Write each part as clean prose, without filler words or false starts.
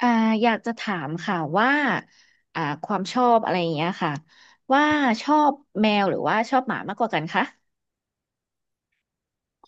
อ่าอยากจะถามค่ะว่าความชอบอะไรอย่างเงี้ยค่ะว่าชอบแมวหรือว่าชอบหมามากกว่ากันคะ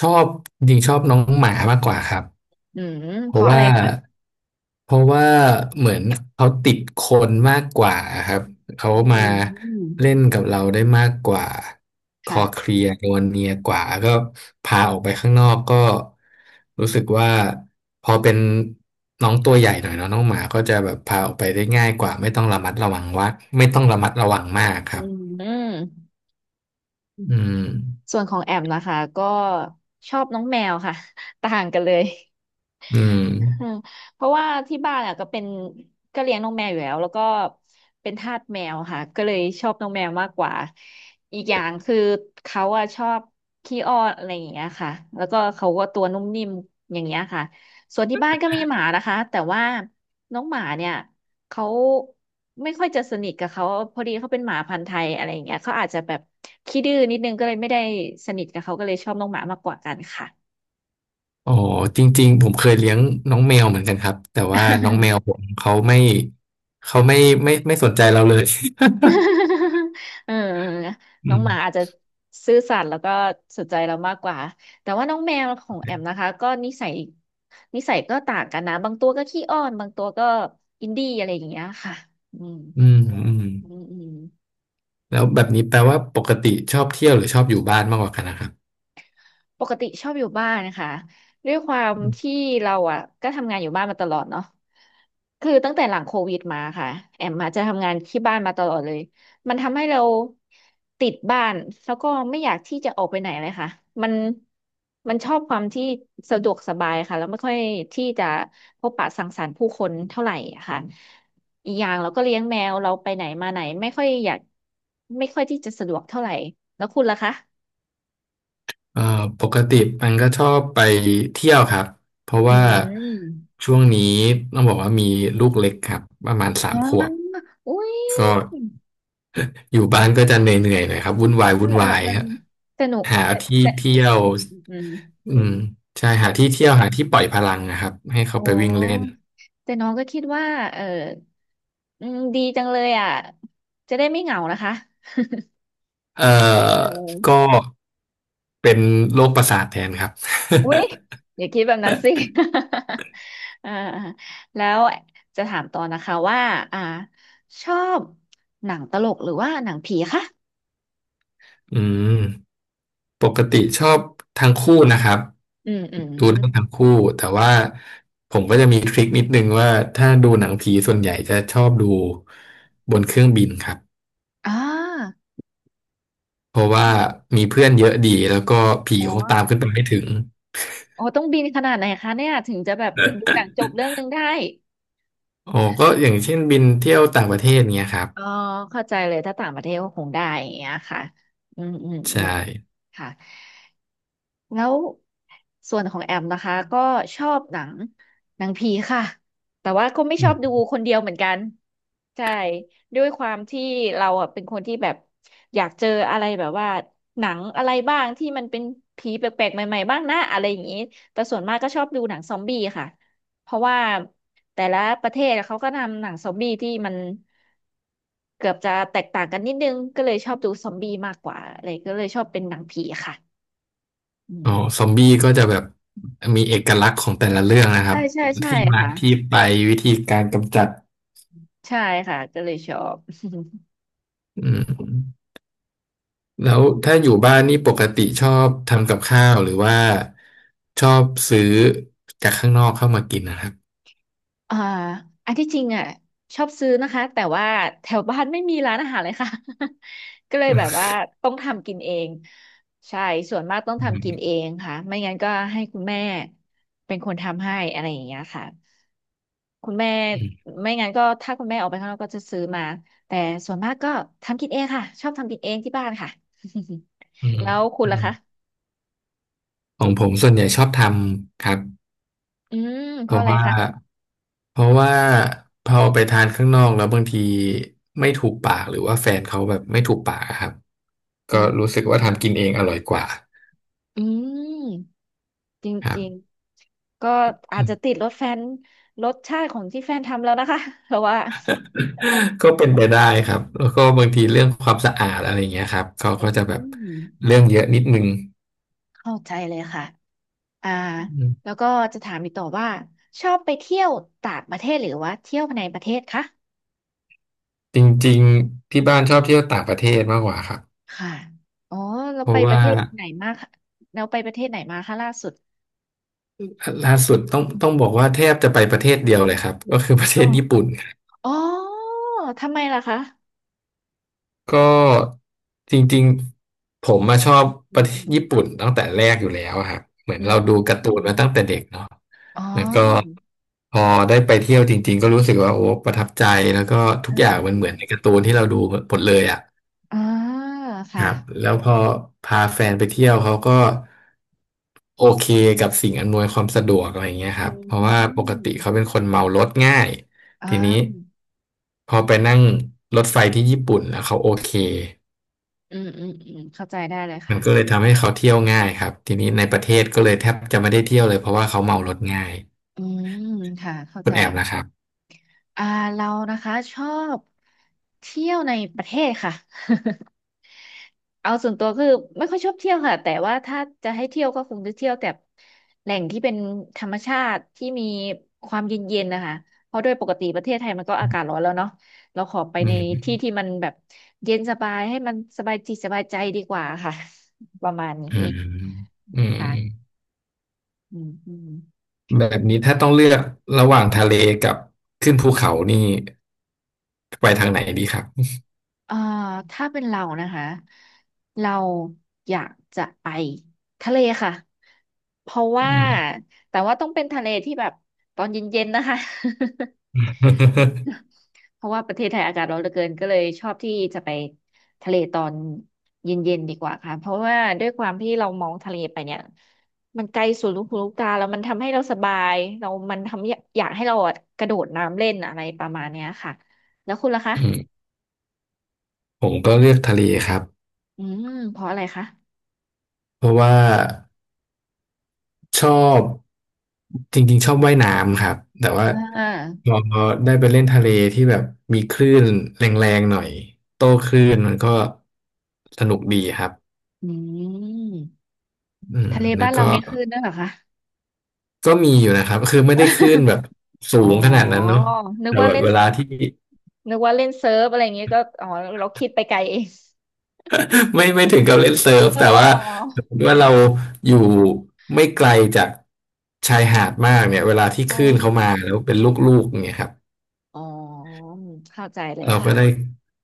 ชอบจริงๆชอบน้องหมามากกว่าครับอืมเพเพราะราะอะไรว่าคะเพราะว่าเหมือนเขาติดคนมากกว่าครับเขาอืมมาอืมเล่นกับเราได้มากกว่าคอเคค่ะลียร์นวลเนียกว่าก็พาออกไปข้างนอกก็รู้สึกว่าพอเป็นน้องตัวใหญ่หน่อยเนาะน้องหมาก็จะแบบพาออกไปได้ง่ายกว่าไม่ต้องระมัดระวังว่าไม่ต้องระมัดระวังมากคอืรับมอืมอืมส่วนของแอมนะคะก็ชอบน้องแมวค่ะ ต่างกันเลย อืม อืมเพราะว่าที่บ้านอ่ะก็เป็นก็เลี้ยงน้องแมวอยู่แล้วแล้วก็เป็นทาสแมวค่ะก็เลยชอบน้องแมวมากกว่าอีกอย่างคือเขาอ่ะชอบขี้อ้อนอะไรอย่างเงี้ยค่ะแล้วก็เขาก็ตัวนุ่มนิ่มอย่างเงี้ยค่ะส่วนที่บ้านก็มีหมานะคะแต่ว่าน้องหมาเนี่ยเขาไม่ค่อยจะสนิทกับเขาพอดีเขาเป็นหมาพันธุ์ไทยอะไรอย่างเงี้ยเขาอาจจะแบบขี้ดื้อนิดนึงก็เลยไม่ได้สนิทกับเขาก็เลยชอบน้องหมามากกว่ากันค่ะ โอ้จริงๆผมเคยเลี้ยงน้องแมวเหมือนกันครับแต่ว่าน้องแมว ผมเขาไม่เขาไม่สนใจเราเลย เอออืน้องหมามอาจจะซื่อสัตย์แล้วก็สนใจเรามากกว่า แต่ว่าน้องแมวของแอมนะคะก็นิสัยนิสัยก็ต่างกันนะบางตัวก็ขี้อ้อนบางตัวก็อินดี้อะไรอย่างเงี้ยค่ะอืมอืมอืมอืมอืม แล้วแบบนี้แปลว่าปกติชอบเที่ยวหรือชอบอยู่บ้านมากกว่ากันนะครับปกติชอบอยู่บ้านนะคะด้วยความอที่เราอ่ะก็ทำงานอยู่บ้านมาตลอดเนาะคือตั้งแต่หลังโควิดมาค่ะแอมมาจจะทำงานที่บ้านมาตลอดเลยมันทำให้เราติดบ้านแล้วก็ไม่อยากที่จะออกไปไหนเลยค่ะมันมันชอบความที่สะดวกสบายค่ะแล้วไม่ค่อยที่จะพบปะสังสรรค์ผู้คนเท่าไหร่อะค่ะอีกอย่างเราก็เลี้ยงแมวเราไปไหนมาไหนไม่ค่อยอยากไม่ค่อยที่จะสะดวกเท่าไหร่แล้วคุณล่ะคะเอ่อปกติมันก็ชอบไปเที่ยวครับเพราะอืว่าม ช่วงนี้ต้องบอกว่ามีลูกเล็กครับประมาณสามอ่าขวบอุ้ยก็ อยู่บ้านก็จะเหนื่อยๆหน่อยครับวุ่นวายเออวุ่นเออวายเออฮะสนุกหาแต่ที่แต่เที่ยวอืมอืมอืมอืมใช่หาที่แต่เที่ยวหาที่ปล่อยพลังนะครับให้เขาอ๋ไปวิ่งเล่นอแต่น้องก็คิดว่าเอออืมดีจังเลยอ่ะ จะได้ไม่เหงานะคะเอ่เอออก็เป็นโรคประสาทแทนครับ อุ้ยอย่าคิดแบบนั้นสิ อ่าแล้วจะถามต่อนะคะว่า อ่าชอบหนังตลกหรือว่าหนังผีคะ อืมปกติชอบทั้งคู่นะครับอืม อืมอดูหนัมงทั้งคู่แต่ว่าผมก็จะมีทริคนิดนึงว่าถ้าดูหนังผีส่วนใหญ่จะชอบดูบนเครื่องบินครับ อ่าเพราะว่ามีเพื่อนเยอะดีแล้วก็ผีอ๋คงตามขึ้อ นไปไม่ถึงโอ้ต้องบินขนาดไหนคะเนี่ยถึงจะแบบดูหนังจบเรื่องหนึงได้อ๋อก็อย่างเช่นบินเที่ยวต่างประเทศเนี้ยครับอ๋อเข้าใจเลยถ้าต่างประเทศก็คงได้อย่างเงี้ยค่ะอืมอืมอืใช่มค่ะแล้วส่วนของแอมนะคะก็ชอบหนังผีค่ะแต่ว่าก็ไม่อืชอบดูมคนเดียวเหมือนกัน ใช่ด้วยความที่เราอ่ะเป็นคนที่แบบอยากเจออะไรแบบว่าหนังอะไรบ้างที่มันเป็นผีแปลกๆใหม่ๆบ้างนะอะไรอย่างนี้แต่ส่วนมากก็ชอบดูหนังซอมบี้ค่ะเพราะว่าแต่ละประเทศเขาก็นำหนังซอมบี้ที่มันเกือบจะแตกต่างกันนิดนึงก็เลยชอบดูซอมบี้มากกว่าอะไรก็เลยชอบเป็นหนังผีค่ะอือ๋อซอมมบี้ก็จะแบบมีเอกลักษณ์ของแต่ละเรื่องนะครัใช่บใช่ใช่ที่มาค่ะที่ไปวิธีการกำจัดใช่ค่ะก็เลยชอบ อืมแล้วถ้าอยู่บ้านนี่ปกติชอบทำกับข้าวหรือว่าชอบซื้อจากข้างนอกเข้ามากินนะครับอ่าอันที่จริงอ่ะชอบซื้อนะคะแต่ว่าแถวบ้านไม่มีร้านอาหารเลยค่ะ ก็เลยแบบว่าต้องทำกินเองใช่ส่วนมากต้องอืทำกินเอมงค่ะไม่งั้นก็ให้คุณแม่เป็นคนทำให้อะไรอย่างเงี้ยค่ะคุณแม่อืมไม่งั้นก็ถ้าคุณแม่ออกไปข้างนอกก็จะซื้อมาแต่ส่วนมากก็ทำกินเองค่ะชอบทำกินเองที่บ้านค่ะ อื มแล้วคุณอืล่ะมคะของผมส่วนใหญ่ชอบทำครับอืมเพเพราะราะอะไรว่า คะเพราะว่าพอไปทานข้างนอกแล้วบางทีไม่ถูกปากหรือว่าแฟนเขาแบบไม่ถูกปากอะครับอืก็รู้สึกว่ามทำกินเองอร่อยกว่าอืม จครัริงบ ๆก็อาจจะติดรสแฟนรสชาติของที่แฟนทำแล้วนะคะ เพราะว่า ก็เป็นไปได้ครับแล้วก็บางทีเรื่องความสะอาดอะไรเงี้ยครับเขาอืก็จะแบบมเรื่องเยอะนิดนึงเข้าใจเลยค่ะอ่าอืแล้มวก็จะถามอีกต่อว่าชอบไปเที่ยวต่างประเทศหรือว่าเที่ยวในประเทศคะจริงๆที่บ้านชอบเที่ยวต่างประเทศมากกว่าครับค่ะอ๋อเราเพไปราะประว่าเทศไหนมาคะเราไปประเทศไหนมาคะล่าสุดล่าสุดต้องบอกว่าแทบจะไปประเทศเดียวเลยครับก็คือประเทอ๋อศญี่ปุ่น อ๋อทำไมล่ะคะก็จริงๆผมมาชอบอืประมเทอืศมญี่ปุ่นตั้งแต่แรกอยู่แล้วอะครับเหมือนอืมเราดูการ์ตูอนมมาตั้งแต่เด็กเนาะอ๋อแล้วก็พอได้ไปเที่ยวจริงๆก็รู้สึกว่าโอ้ประทับใจแล้วก็ทุเอกออย่างมันเอเหมือนในกาอร์ตูนที่เราดูหมดเลยอ่ะเออคค่ะรับแล้วพอพาแฟนไปเที่ยวเขาก็โอเคกับสิ่งอำนวยความสะดวกอะไรอย่างเงี้ยคอืรับเพราะว่าปกมติเขาเป็นคนเมารถง่ายอ่ทีนี้า พอไปนั่งรถไฟที่ญี่ปุ่นแล้วเขาโอเค อืมอืมอืมเข้าใจได้เลยมัค่ะนก็เลยทำให้เขาเที่ยวง่ายครับทีนี้ในประเทศก็เลยแทบจะไม่ได้เที่ยวเลยเพราะว่าเขาเมารถง่ายอืมค่ะเข้าคุใจณแอมนะครับอ่าเรานะคะชอบเที่ยวในประเทศค่ะ เอาส่วนตัวคือไม่ค่อยชอบเที่ยวค่ะแต่ว่าถ้าจะให้เที่ยวก็คงจะเที่ยวแต่แหล่งที่เป็นธรรมชาติที่มีความเย็นๆนะคะเพราะโดยปกติประเทศไทยมันก็อากาศร้อนแล้วเนาะเราขอไปอืในที่มที่มันแบบเย็นสบายให้มันสบายจิตสบายใจดีกว่าค่ะ ประมาณอืนี้มอืมค่ะอืมอืม แบบนี้ถ้าต้องเลือกระหว่างทะเลกับขึ้นภูเขานี่ไปทางไหนดีครับเอ่อถ้าเป็นเรานะคะเราอยากจะไปทะเลค่ะเพราะอืว่าม แต่ว่าต้องเป็นทะเลที่แบบตอนเย็นๆนะคะ เพราะว่าประเทศไทยอากาศร้อนเหลือเกินก็เลยชอบที่จะไปทะเลตอนเย็นๆดีกว่าค่ะเพราะว่าด้วยความที่เรามองทะเลไปเนี่ยมันไกลสุดลูกหูลูกตาแล้วมันทำให้เราสบายเรามันทำให้อยากให้เราอะกระโดดน้ำเล่นอะไรประมาณเนี้ยค่ะแล้วคุณล่ะคะอืมผมก็เลือกทะเลครับอืมเพราะอะไรคะเพราะว่า ชอบจริงๆชอบว่ายน้ำครับแต่ว่าอ่พา อได้ไปเล่นทะเลที่แบบมีคลื่นแรงๆหน่อยโต้คลื่นมันก็สนุกดีครับอืมอืมทะเลแล้บ้าวนเราก็มีคลื่นด้วยเหรอคะ ก็มีอยู่นะครับคือไม่ได้คลื่นแบ บสูอ๋องขนาดนั้นเนาะนึกแต่ว่าแบบเล่นเวลาที่ นึกว่าเล่นเซิร์ฟอะไรอย่างเงี้ยก็อ๋อเราคิดไปไกลเอง ไม่ถึงกับเล่นเซิร์ฟเออแต่เออว่าเออสมมติว่าเราอยู่ไม่ไกลจากชายหาดมากเนี่ยเวลาที่อ๋อคลื่นเขามาแล้วเป็นลูกๆอย่างเงี้ยครับ อ๋อเข้าใจเลยเราก็ได้ค่ะ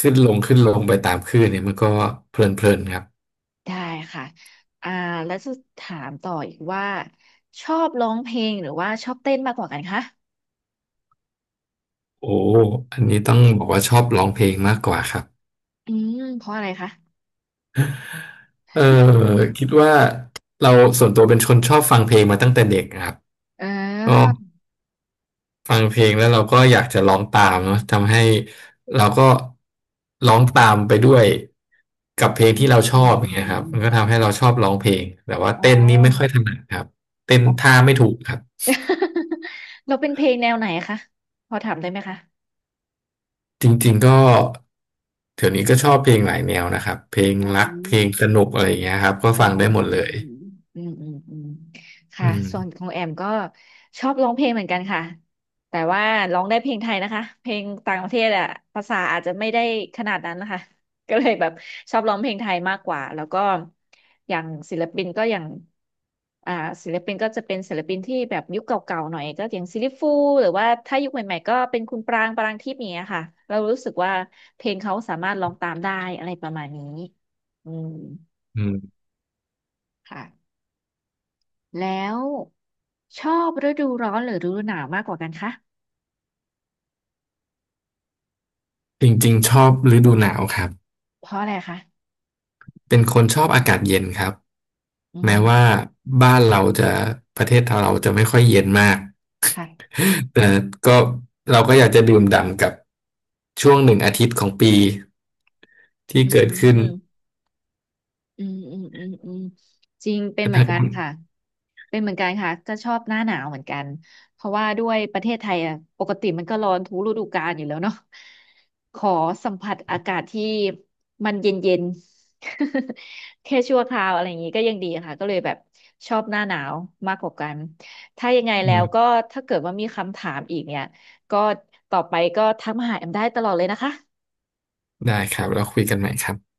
ขึ้นลงขึ้นลงไปตามคลื่นเนี่ยมันก็เพลินๆครับได้ค่ะอ่าแล้วจะถามต่ออีกว่าชอบร้องเพลงหรือว่าชอบเต้นมากกว่ากันคะโอ้อันนี้ต้องบอกว่าชอบร้องเพลงมากกว่าครับอืมเพราะอะไรคะเออคิดว่าเราส่วนตัวเป็นคนชอบฟังเพลงมาตั้งแต่เด็กนะครับเอ่ก็าฟังเพลงแล้วเราก็อยากจะร้องตามเนาะทำให้เราก็ร้องตามไปด้วยกับเพลงอืที่มเราชออืบมอย่างเงี้ยอืครับมันก็ทำมให้เราชอบร้องเพลงแต่ว่าอ๋อเต้นนี่ไม่ค่อยถนัดครับเต้นอ๋อ ท่าไม่ถูกครับ เราเป็นเพลงแนวไหนคะพอถามได้ไหมคะ จริงๆก็เดี๋ยวนี้ก็ชอบเพลงหลายแนวนะครับเพลงอ่รักเพลงาสนุกอะไรอย่างเงี้ยครับก็อ๋ฟังได้หมดเลอยอืมอืมอืมอืค่ะมส่วนของแอมก็ชอบร้องเพลงเหมือนกันค่ะ แต่ว่าร้องได้เพลงไทยนะคะ เพลงต่างประเทศอะภาษาอาจจะไม่ได้ขนาดนั้นนะคะก็เลยแบบชอบร้องเพลงไทยมากกว่าแล้วก็อย่างศิลปินก็อย่างอ่าศิลปินก็จะเป็นศิลปินที่แบบยุคเก่าๆหน่อยก็อย่างซิลลิฟูหรือว่าถ้ายุคใหม่ๆก็เป็นคุณปรางปรางทิพย์อย่างเงี้ยค่ะเรารู้สึกว่าเพลงเขาสามารถร้องตามได้อะไรประมาณนี้อืม อืมค่ะแล้วชอบฤดูร้อนหรือฤดูหนาวมากกว่ากันคะจริงๆชอบฤดูหนาวครับเพราะอะไรคะเป็นคนชอบอากาศเย็นครับอืแม้ว่ามบ้านเราจะประเทศเราจะไม่ค่อยเย็นมาก ค่ะ แต่ก็เราก็อยากจะดื่มด่ำกับช่วงหนึ่งอาทิตย์ของปีที่อืเกิดขึ้นม อืมอืมอืมอืมจริงเป็นนะเหคมือรันบกันค่ะเป็นเหมือนกันค่ะก็ชอบหน้าหนาวเหมือนกันเพราะว่าด้วยประเทศไทยอ่ะปกติมันก็ร้อนทุกฤดูกาลอยู่แล้วเนาะขอสัมผัสอากาศที่มันเย็นเย็น แค่ชั่วคราวอะไรอย่างนี้ก็ยังดีค่ะก็เลยแบบชอบหน้าหนาวมากกว่ากันถ้ายังไงอืแล้วม ก็ถ้าเกิดว่ามีคำถามอีกเนี่ยก็ต่อไปก็ทักมาหาแอมได้ตลอดเลยนะคะ ได้ครับเราคุยกันใหม่ครับ